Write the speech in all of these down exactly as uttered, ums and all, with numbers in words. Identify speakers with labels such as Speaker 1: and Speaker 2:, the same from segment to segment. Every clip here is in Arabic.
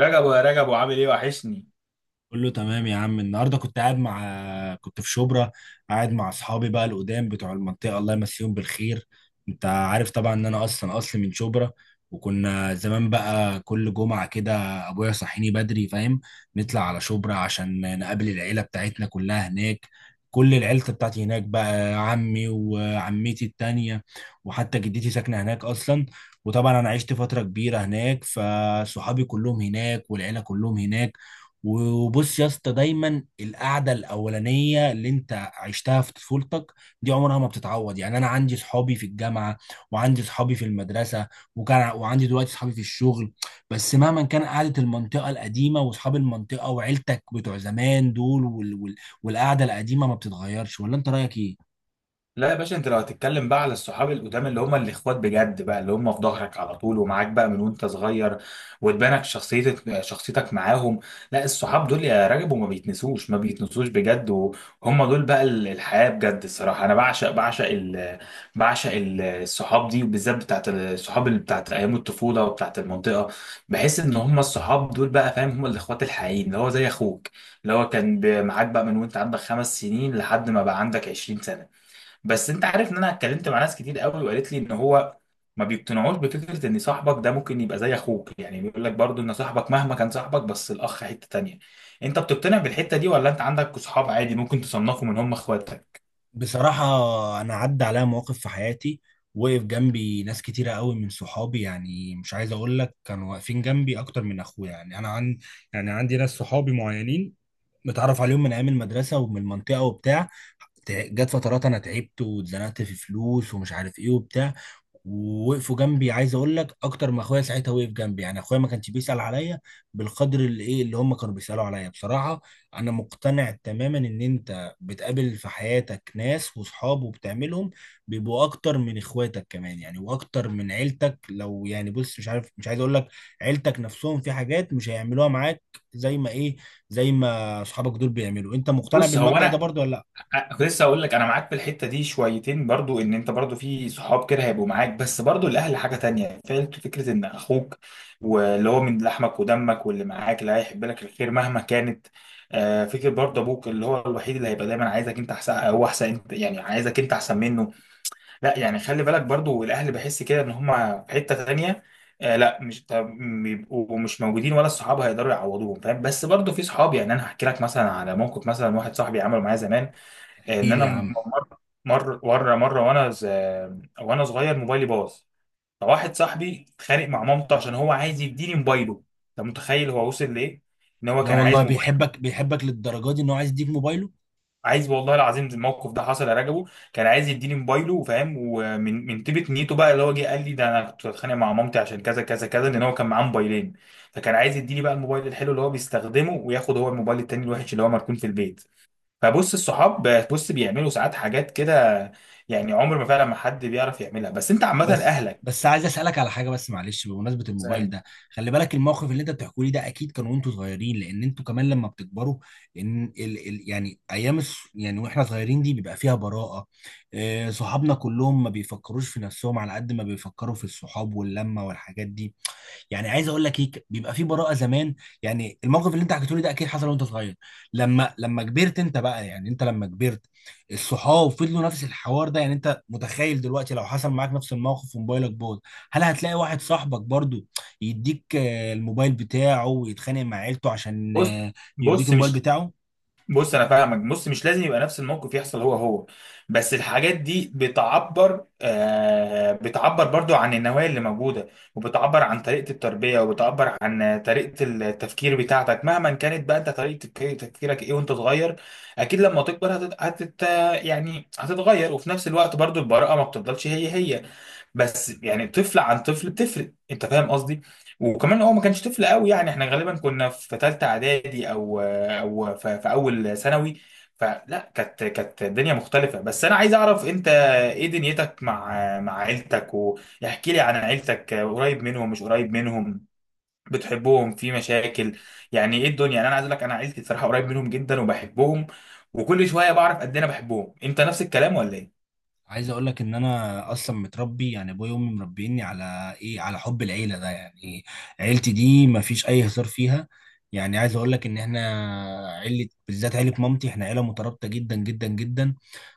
Speaker 1: رجب، يا رجب، وعامل ايه؟ وحشني.
Speaker 2: كله تمام يا عم. النهارده كنت قاعد مع كنت في شبرا، قاعد مع اصحابي بقى القدام بتوع المنطقه، الله يمسيهم بالخير. انت عارف طبعا ان انا اصلا اصلي من شبرا، وكنا زمان بقى كل جمعه كده ابويا يصحيني بدري، فاهم؟ نطلع على شبرا عشان نقابل العيله بتاعتنا كلها هناك. كل العيلة بتاعتي هناك بقى، عمي وعمتي التانية، وحتى جدتي ساكنة هناك أصلا. وطبعا أنا عشت فترة كبيرة هناك، فصحابي كلهم هناك والعيلة كلهم هناك. وبص يا اسطى، دايما القعده الاولانيه اللي انت عشتها في طفولتك دي عمرها ما بتتعوض. يعني انا عندي صحابي في الجامعه، وعندي صحابي في المدرسه، وكان وعندي دلوقتي صحابي في الشغل، بس مهما كان قعده المنطقه القديمه واصحاب المنطقه وعيلتك بتوع زمان دول، وال... وال... والقعده القديمه ما بتتغيرش. ولا انت رايك ايه؟
Speaker 1: لا يا باشا، انت لو هتتكلم بقى على الصحاب القدام اللي هم الاخوات بجد بقى، اللي هم في ظهرك على طول ومعاك بقى من وانت صغير، وتبانك شخصيتك، شخصيتك معاهم. لا الصحاب دول يا رجب، وما بيتنسوش، ما بيتنسوش بجد، وهم دول بقى ال- الحياة بجد. الصراحة انا بعشق، بعشق ال بعشق ال- الصحاب دي، وبالذات بتاعت الصحاب اللي بتاعت ايام الطفولة وبتاعت المنطقة. بحس ان هم الصحاب دول بقى، فاهم، هم الاخوات الحقيقيين، اللي هو زي اخوك، اللي هو كان ب- معاك بقى من وانت عندك خمس سنين لحد ما بقى عندك 20 سنة. بس انت عارف ان انا اتكلمت مع ناس كتير قوي، وقالت لي ان هو ما بيقتنعوش بفكره ان صاحبك ده ممكن يبقى زي اخوك. يعني بيقول لك برضو ان صاحبك مهما كان صاحبك، بس الاخ حته تانية. انت بتقتنع بالحته دي، ولا انت عندك صحاب عادي ممكن تصنفهم ان هم اخواتك؟
Speaker 2: بصراحة، أنا عدى عليا مواقف في حياتي وقف جنبي ناس كتيرة قوي من صحابي، يعني مش عايز أقول لك كانوا واقفين جنبي أكتر من أخويا. يعني أنا عن يعني عندي ناس صحابي معينين متعرف عليهم من أيام المدرسة ومن المنطقة وبتاع. تع- جت فترات أنا تعبت واتزنقت في فلوس ومش عارف إيه وبتاع، ووقفوا جنبي عايز أقول لك أكتر ما أخويا. ساعتها وقف جنبي، يعني أخويا ما كانش بيسأل عليا بالقدر اللي إيه، اللي هم كانوا بيسألوا عليا بصراحة. أنا مقتنع تماما إن أنت بتقابل في حياتك ناس وصحاب وبتعملهم بيبقوا اكتر من اخواتك كمان، يعني واكتر من عيلتك لو يعني، بص، مش عارف، مش عايز اقول لك، عيلتك نفسهم في حاجات مش هيعملوها معاك زي ما ايه، زي ما اصحابك دول بيعملوا. انت مقتنع
Speaker 1: بص هو
Speaker 2: بالمبدأ ده
Speaker 1: انا
Speaker 2: برضو ولا لا؟
Speaker 1: أ- كنت لسه اقول لك انا معاك في الحته دي شويتين، برضو ان انت برضو في صحاب كده هيبقوا معاك، بس برضو الاهل حاجه تانية. فعلا فكره ان اخوك واللي هو من لحمك ودمك، واللي معاك اللي هيحب لك الخير مهما كانت، آه، فكره برضو ابوك، اللي هو الوحيد اللي هيبقى دايما عايزك انت احسن، هو احسن انت، يعني عايزك انت احسن منه. لا يعني خلي بالك برضو، الاهل بحس كده ان هم في حته تانية. آه لا، مش طب- بيبقوا مش موجودين، ولا الصحاب هيقدروا يعوضوهم، فاهم؟ بس برضو في صحاب، يعني انا هحكي لك مثلا على موقف، مثلا واحد صاحبي عمله معايا زمان.
Speaker 2: احكي
Speaker 1: ان
Speaker 2: لي
Speaker 1: انا
Speaker 2: يا
Speaker 1: م-
Speaker 2: عم.
Speaker 1: مر مر مره، مره وانا ز... وانا صغير موبايلي باظ. فواحد صاحبي اتخانق مع مامته عشان هو عايز يديني موبايله. انت متخيل هو وصل لايه؟ ان هو
Speaker 2: لا
Speaker 1: كان
Speaker 2: والله،
Speaker 1: عايز موبايل.
Speaker 2: بيحبك بيحبك للدرجة دي ان هو عايز يديك موبايله؟
Speaker 1: عايز، والله العظيم الموقف ده حصل يا رجبه. كان عايز يديني موبايله، وفاهم، ومن من طيبه نيته بقى، اللي هو جه قال لي: ده انا كنت بتخانق مع مامتي عشان كذا كذا كذا، لان هو كان معاه موبايلين. فكان عايز يديني بقى الموبايل الحلو اللي هو بيستخدمه، وياخد هو الموبايل التاني الوحش اللي هو مركون في البيت. فبص، الصحاب بص بيعملوا ساعات حاجات كده، يعني عمر ما فعلا، ما حد بيعرف يعملها، بس انت عامه
Speaker 2: بس
Speaker 1: اهلك.
Speaker 2: بس عايز اسالك على حاجه بس معلش، بمناسبه
Speaker 1: ازاي
Speaker 2: الموبايل
Speaker 1: يعني؟
Speaker 2: ده، خلي بالك الموقف اللي انت بتحكوا لي ده اكيد كان وانتوا صغيرين، لان انتوا كمان لما بتكبروا ان ال ال يعني ايام الس- يعني واحنا صغيرين دي بيبقى فيها براءه. آه، صحابنا كلهم ما بيفكروش في نفسهم على قد ما بيفكروا في الصحاب واللمه والحاجات دي. يعني عايز اقول لك ايه، بيبقى في براءه زمان. يعني الموقف اللي انت حكيته لي ده اكيد حصل وانت صغير. لما لما كبرت انت بقى، يعني انت لما كبرت الصحاب فضلوا نفس الحوار ده. يعني انت متخيل دلوقتي لو حصل معاك نفس الموقف وموبايلك باظ، هل هتلاقي واحد صاحبك برضو يديك آه، الموبايل بتاعه ويتخانق مع عيلته عشان
Speaker 1: بص
Speaker 2: آه، يديك
Speaker 1: بص
Speaker 2: الموبايل
Speaker 1: مش
Speaker 2: بتاعه؟
Speaker 1: بص انا فاهمك. بص مش لازم يبقى نفس الموقف يحصل هو هو، بس الحاجات دي بتعبر، آه، بتعبر برضو عن النوايا اللي موجوده، وبتعبر عن طريقه التربيه، وبتعبر عن طريقه التفكير بتاعتك، مهما كانت بقى انت طريقه تفك- تفكيرك ايه وانت صغير. اكيد لما تكبر هتت... هتت... يعني هتتغير، وفي نفس الوقت برضو البراءه ما بتفضلش هي هي. بس يعني طفل عن طفل بتفرق، انت فاهم قصدي؟ وكمان هو ما كانش طفل قوي، يعني احنا غالبا كنا في ثالثه اعدادي، او او ف- في اول ثانوي. فلا، كانت، كانت الدنيا مختلفه. بس انا عايز اعرف انت ايه دنيتك مع مع عيلتك؟ واحكي لي عن عيلتك، قريب منهم مش قريب منهم، بتحبهم، في مشاكل، يعني ايه الدنيا؟ يعني انا عايز اقول لك انا عيلتي صراحه قريب منهم جدا وبحبهم، وكل شويه بعرف قد ايه انا بحبهم. انت نفس الكلام ولا ايه؟
Speaker 2: عايز اقول لك ان انا اصلا متربي، يعني ابويا وامي مربيني على ايه، على حب العيله ده. يعني عيلتي دي ما فيش اي هزار فيها. يعني عايز اقول لك ان احنا عيله، بالذات عيله مامتي، احنا عيله مترابطه جدا جدا جدا.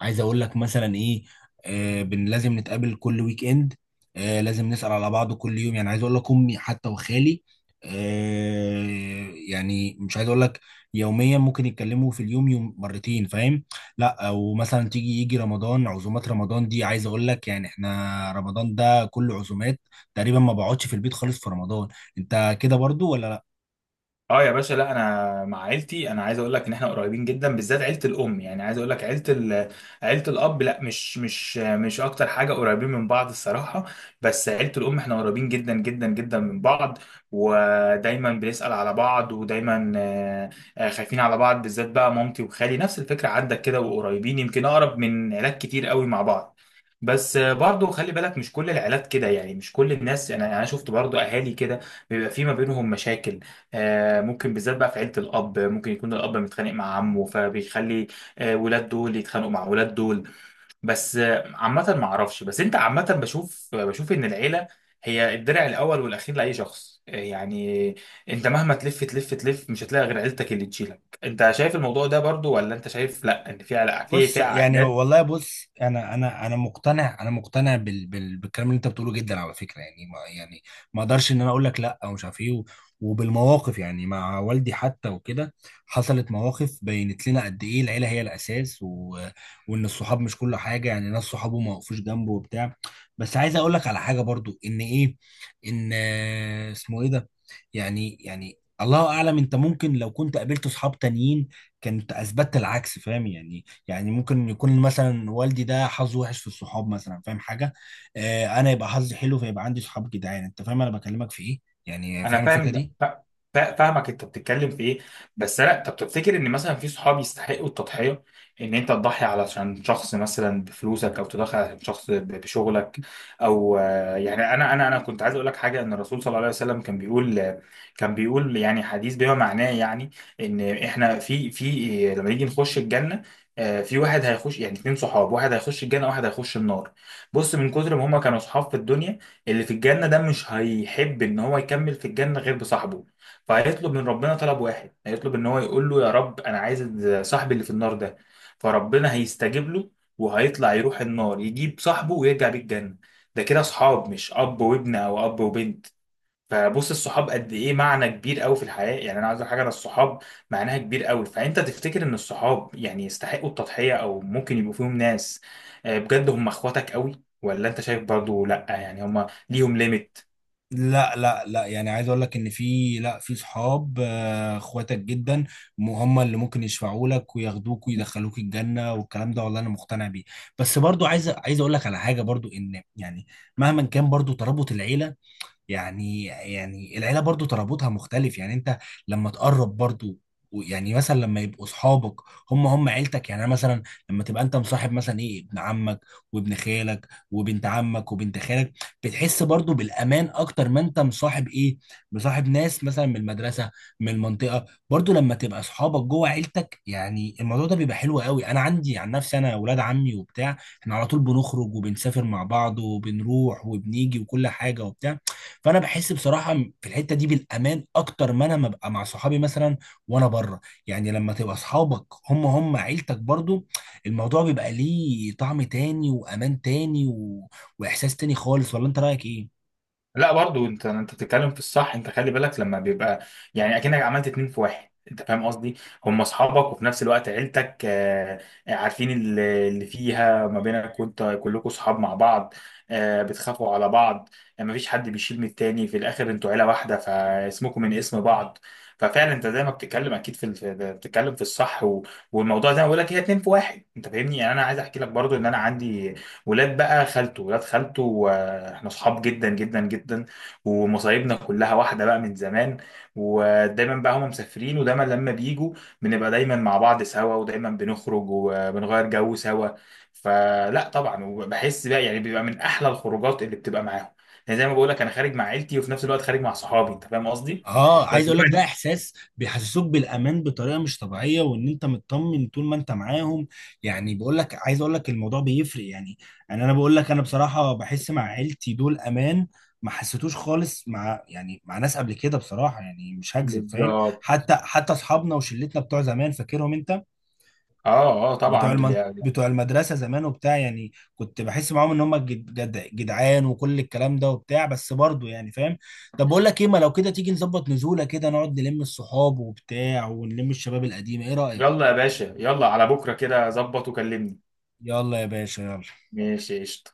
Speaker 2: عايز اقول لك مثلا ايه، آه بن لازم نتقابل كل ويك اند. آه لازم نسال على بعض كل يوم. يعني عايز اقول لك امي حتى وخالي، آه يعني مش عايز اقول لك يوميا، ممكن يتكلموا في اليوم يوم مرتين، فاهم؟ لا، ومثلا تيجي يجي رمضان، عزومات رمضان دي عايز اقول لك، يعني احنا رمضان ده كله عزومات، تقريبا ما بقعدش في البيت خالص في رمضان. انت كده برضو ولا؟
Speaker 1: اه يا باشا. لا انا مع عيلتي، انا عايز اقول لك ان احنا قريبين جدا، بالذات عيله الام. يعني عايز اقول لك عيله ال... عيله الاب، لا مش مش مش اكتر حاجه قريبين من بعض الصراحه. بس عيله الام احنا قريبين جدا جدا جدا من بعض، ودايما بنسال على بعض، ودايما آه، آه، خايفين على بعض، بالذات بقى مامتي وخالي. نفس الفكره عندك كده؟ وقريبين يمكن اقرب من عيلات كتير قوي مع بعض. بس آه، برضو خلي بالك مش كل العائلات كده، يعني مش كل الناس. انا انا شفت برضو اهالي كده بيبقى في ما بينهم مشاكل، آه، ممكن بالذات بقى في عيلة الأب، ممكن يكون الأب متخانق مع عمه، فبيخلي آه، ولاد دول يتخانقوا مع ولاد دول. بس آه، عامة ما أعرفش. بس أنت عامة، بشوف، بشوف إن العيلة هي الدرع الأول والأخير لأي شخص، آه، يعني أنت مهما تلف تلف تلف، مش هتلاقي غير عيلتك اللي تشيلك. أنت شايف الموضوع ده برضو، ولا أنت شايف لأ، إن في علاقة في
Speaker 2: بص
Speaker 1: في
Speaker 2: يعني،
Speaker 1: عائلات؟
Speaker 2: والله بص، انا انا انا مقتنع، انا مقتنع بال بال بالكلام اللي انت بتقوله جدا على فكره. يعني ما يعني ما اقدرش ان انا اقول لك لا ومش عارف ايه و- وبالمواقف، يعني مع والدي حتى وكده حصلت مواقف بينت لنا قد ايه العيله هي الاساس، و... وان الصحاب مش كل حاجه. يعني ناس صحابه ما وقفوش جنبه وبتاع. بس عايز اقول لك على حاجه برضو، ان ايه، ان آه، اسمه ايه ده، يعني يعني الله اعلم، انت ممكن لو كنت قابلت صحاب تانيين كنت اثبتت العكس، فاهم يعني؟ يعني ممكن يكون مثلا والدي ده حظه وحش في الصحاب مثلا، فاهم حاجه؟ آه انا يبقى حظي حلو، فيبقى عندي صحاب جدعان. انت فاهم انا بكلمك في ايه؟ يعني
Speaker 1: انا
Speaker 2: فاهم الفكره
Speaker 1: فاهم، ده-
Speaker 2: دي؟
Speaker 1: فا- فا- فاهمك انت بتتكلم في ايه. بس لا، طب تفتكر ان مثلا في صحاب يستحقوا التضحيه؟ ان انت تضحي علشان شخص مثلا بفلوسك، او تضحي علشان شخص ب- بشغلك، او آه، يعني انا انا انا كنت عايز اقول لك حاجه. ان الرسول صلى الله عليه وسلم كان بيقول، كان بيقول يعني حديث بما معناه، يعني ان احنا في، في لما نيجي نخش الجنه، آه، في واحد هيخش، يعني اتنين صحاب، واحد هيخش الجنه واحد هيخش النار. بص من كتر ما هما كانوا صحاب في الدنيا، اللي في الجنة ده مش هيحب إن هو يكمل في الجنة غير بصاحبه، فهيطلب من ربنا طلب واحد. هيطلب إن هو يقول له: يا رب أنا عايز صاحبي اللي في النار ده. فربنا هيستجيب له، وهيطلع يروح النار يجيب صاحبه ويرجع بالجنة. ده كده أصحاب، مش أب وابن أو أب وبنت. فبص الصحاب قد ايه معنى كبير قوي في الحياة. يعني انا عايز أقول حاجة، انا الصحاب معناها كبير قوي. فانت تفتكر ان الصحاب يعني يستحقوا التضحية، او ممكن يبقوا فيهم ناس، آه، بجد هم اخواتك قوي، ولا انت شايف برضو لا، يعني هم ليهم ليميت؟
Speaker 2: لا لا لا، يعني عايز اقول لك ان في، لا، في صحاب آه، اخواتك جدا، م- هم اللي ممكن يشفعوا لك وياخدوك ويدخلوك الجنه والكلام ده، والله انا مقتنع بيه. بس برضو عايز عايز اقول لك على حاجه برضو، ان يعني مهما كان برضو ترابط العيله، يعني يعني العيله برضو ترابطها مختلف. يعني انت لما تقرب برضو و- يعني مثلا لما يبقوا اصحابك هم هم عيلتك، يعني انا مثلا لما تبقى انت مصاحب مثلا ايه، ابن عمك وابن خالك وبنت عمك وبنت خالك، بتحس برضو بالامان اكتر ما انت مصاحب ايه، مصاحب ناس مثلا من المدرسه، من المنطقه. برضو لما تبقى اصحابك جوه عيلتك، يعني الموضوع ده بيبقى حلو قوي. انا عندي عن نفسي انا اولاد عمي وبتاع احنا على طول بنخرج وبنسافر مع بعض وبنروح وبنيجي وكل حاجه وبتاع. فانا بحس بصراحه في الحته دي بالامان اكتر ما انا ما ببقى مع صحابي مثلا وانا بره. يعني لما تبقى اصحابك هم هم عيلتك برضو، الموضوع بيبقى ليه طعم تاني وامان تاني و... واحساس تاني خالص. ولا انت رايك ايه؟
Speaker 1: لا برضو انت، انت بتتكلم في الصح. انت خلي بالك لما بيبقى، يعني اكنك عملت اتنين في واحد، انت فاهم قصدي؟ هم اصحابك، وفي نفس الوقت عيلتك، آه، عارفين اللي اللي فيها ما بينك، وانت كلكم اصحاب مع بعض، آه، بتخافوا على بعض. ما فيش حد بيشيل من التاني، في الاخر انتوا عيله واحده، فاسمكم من اسم بعض. ففعلا انت زي ما بتتكلم اكيد، في الف- بتتكلم في الصح، و- والموضوع زي ما بقول لك، هي اتنين في واحد، انت فاهمني؟ يعني انا عايز احكي لك برضو، ان انا عندي ولاد بقى خالته، ولاد خالته آه، احنا صحاب جدا جدا جدا، ومصايبنا كلها واحده بقى من زمان. ودايما بقى هم مسافرين، ودايما لما بيجوا بنبقى دايما مع بعض سوا، ودايما بنخرج وبنغير جو سوا. فلا طبعا، وبحس بقى يعني بيبقى من احلى الخروجات اللي بتبقى معاهم. يعني زي ما بقول لك، انا خارج مع عيلتي وفي نفس الوقت خارج مع صحابي، انت فاهم قصدي؟
Speaker 2: اه،
Speaker 1: بس
Speaker 2: عايز اقول لك ده
Speaker 1: دايما
Speaker 2: احساس بيحسسوك بالامان بطريقه مش طبيعيه، وان انت مطمن طول ما انت معاهم. يعني بقول لك، عايز اقول لك الموضوع بيفرق يعني. انا انا بقول لك، انا بصراحه بحس مع عيلتي دول امان ما حسيتوش خالص مع، يعني مع ناس قبل كده بصراحه، يعني مش هكذب فاهم.
Speaker 1: بالظبط.
Speaker 2: حتى حتى اصحابنا وشلتنا بتوع زمان فاكرهم انت،
Speaker 1: اه، اه
Speaker 2: بتوع
Speaker 1: طبعا دول.
Speaker 2: المن... بتوع المدرسه زمان وبتاع، يعني كنت بحس معاهم ان هم جد... جد... جدعان وكل الكلام ده وبتاع، بس برضه يعني فاهم. طب بقول لك ايه، ما لو كده تيجي نظبط نزوله كده نقعد نلم الصحاب وبتاع ونلم الشباب القديم، ايه رايك؟
Speaker 1: يلا يا باشا، يلا على بكره كده ظبط وكلمني.
Speaker 2: يلا يا باشا يلا.
Speaker 1: ماشي قشطة.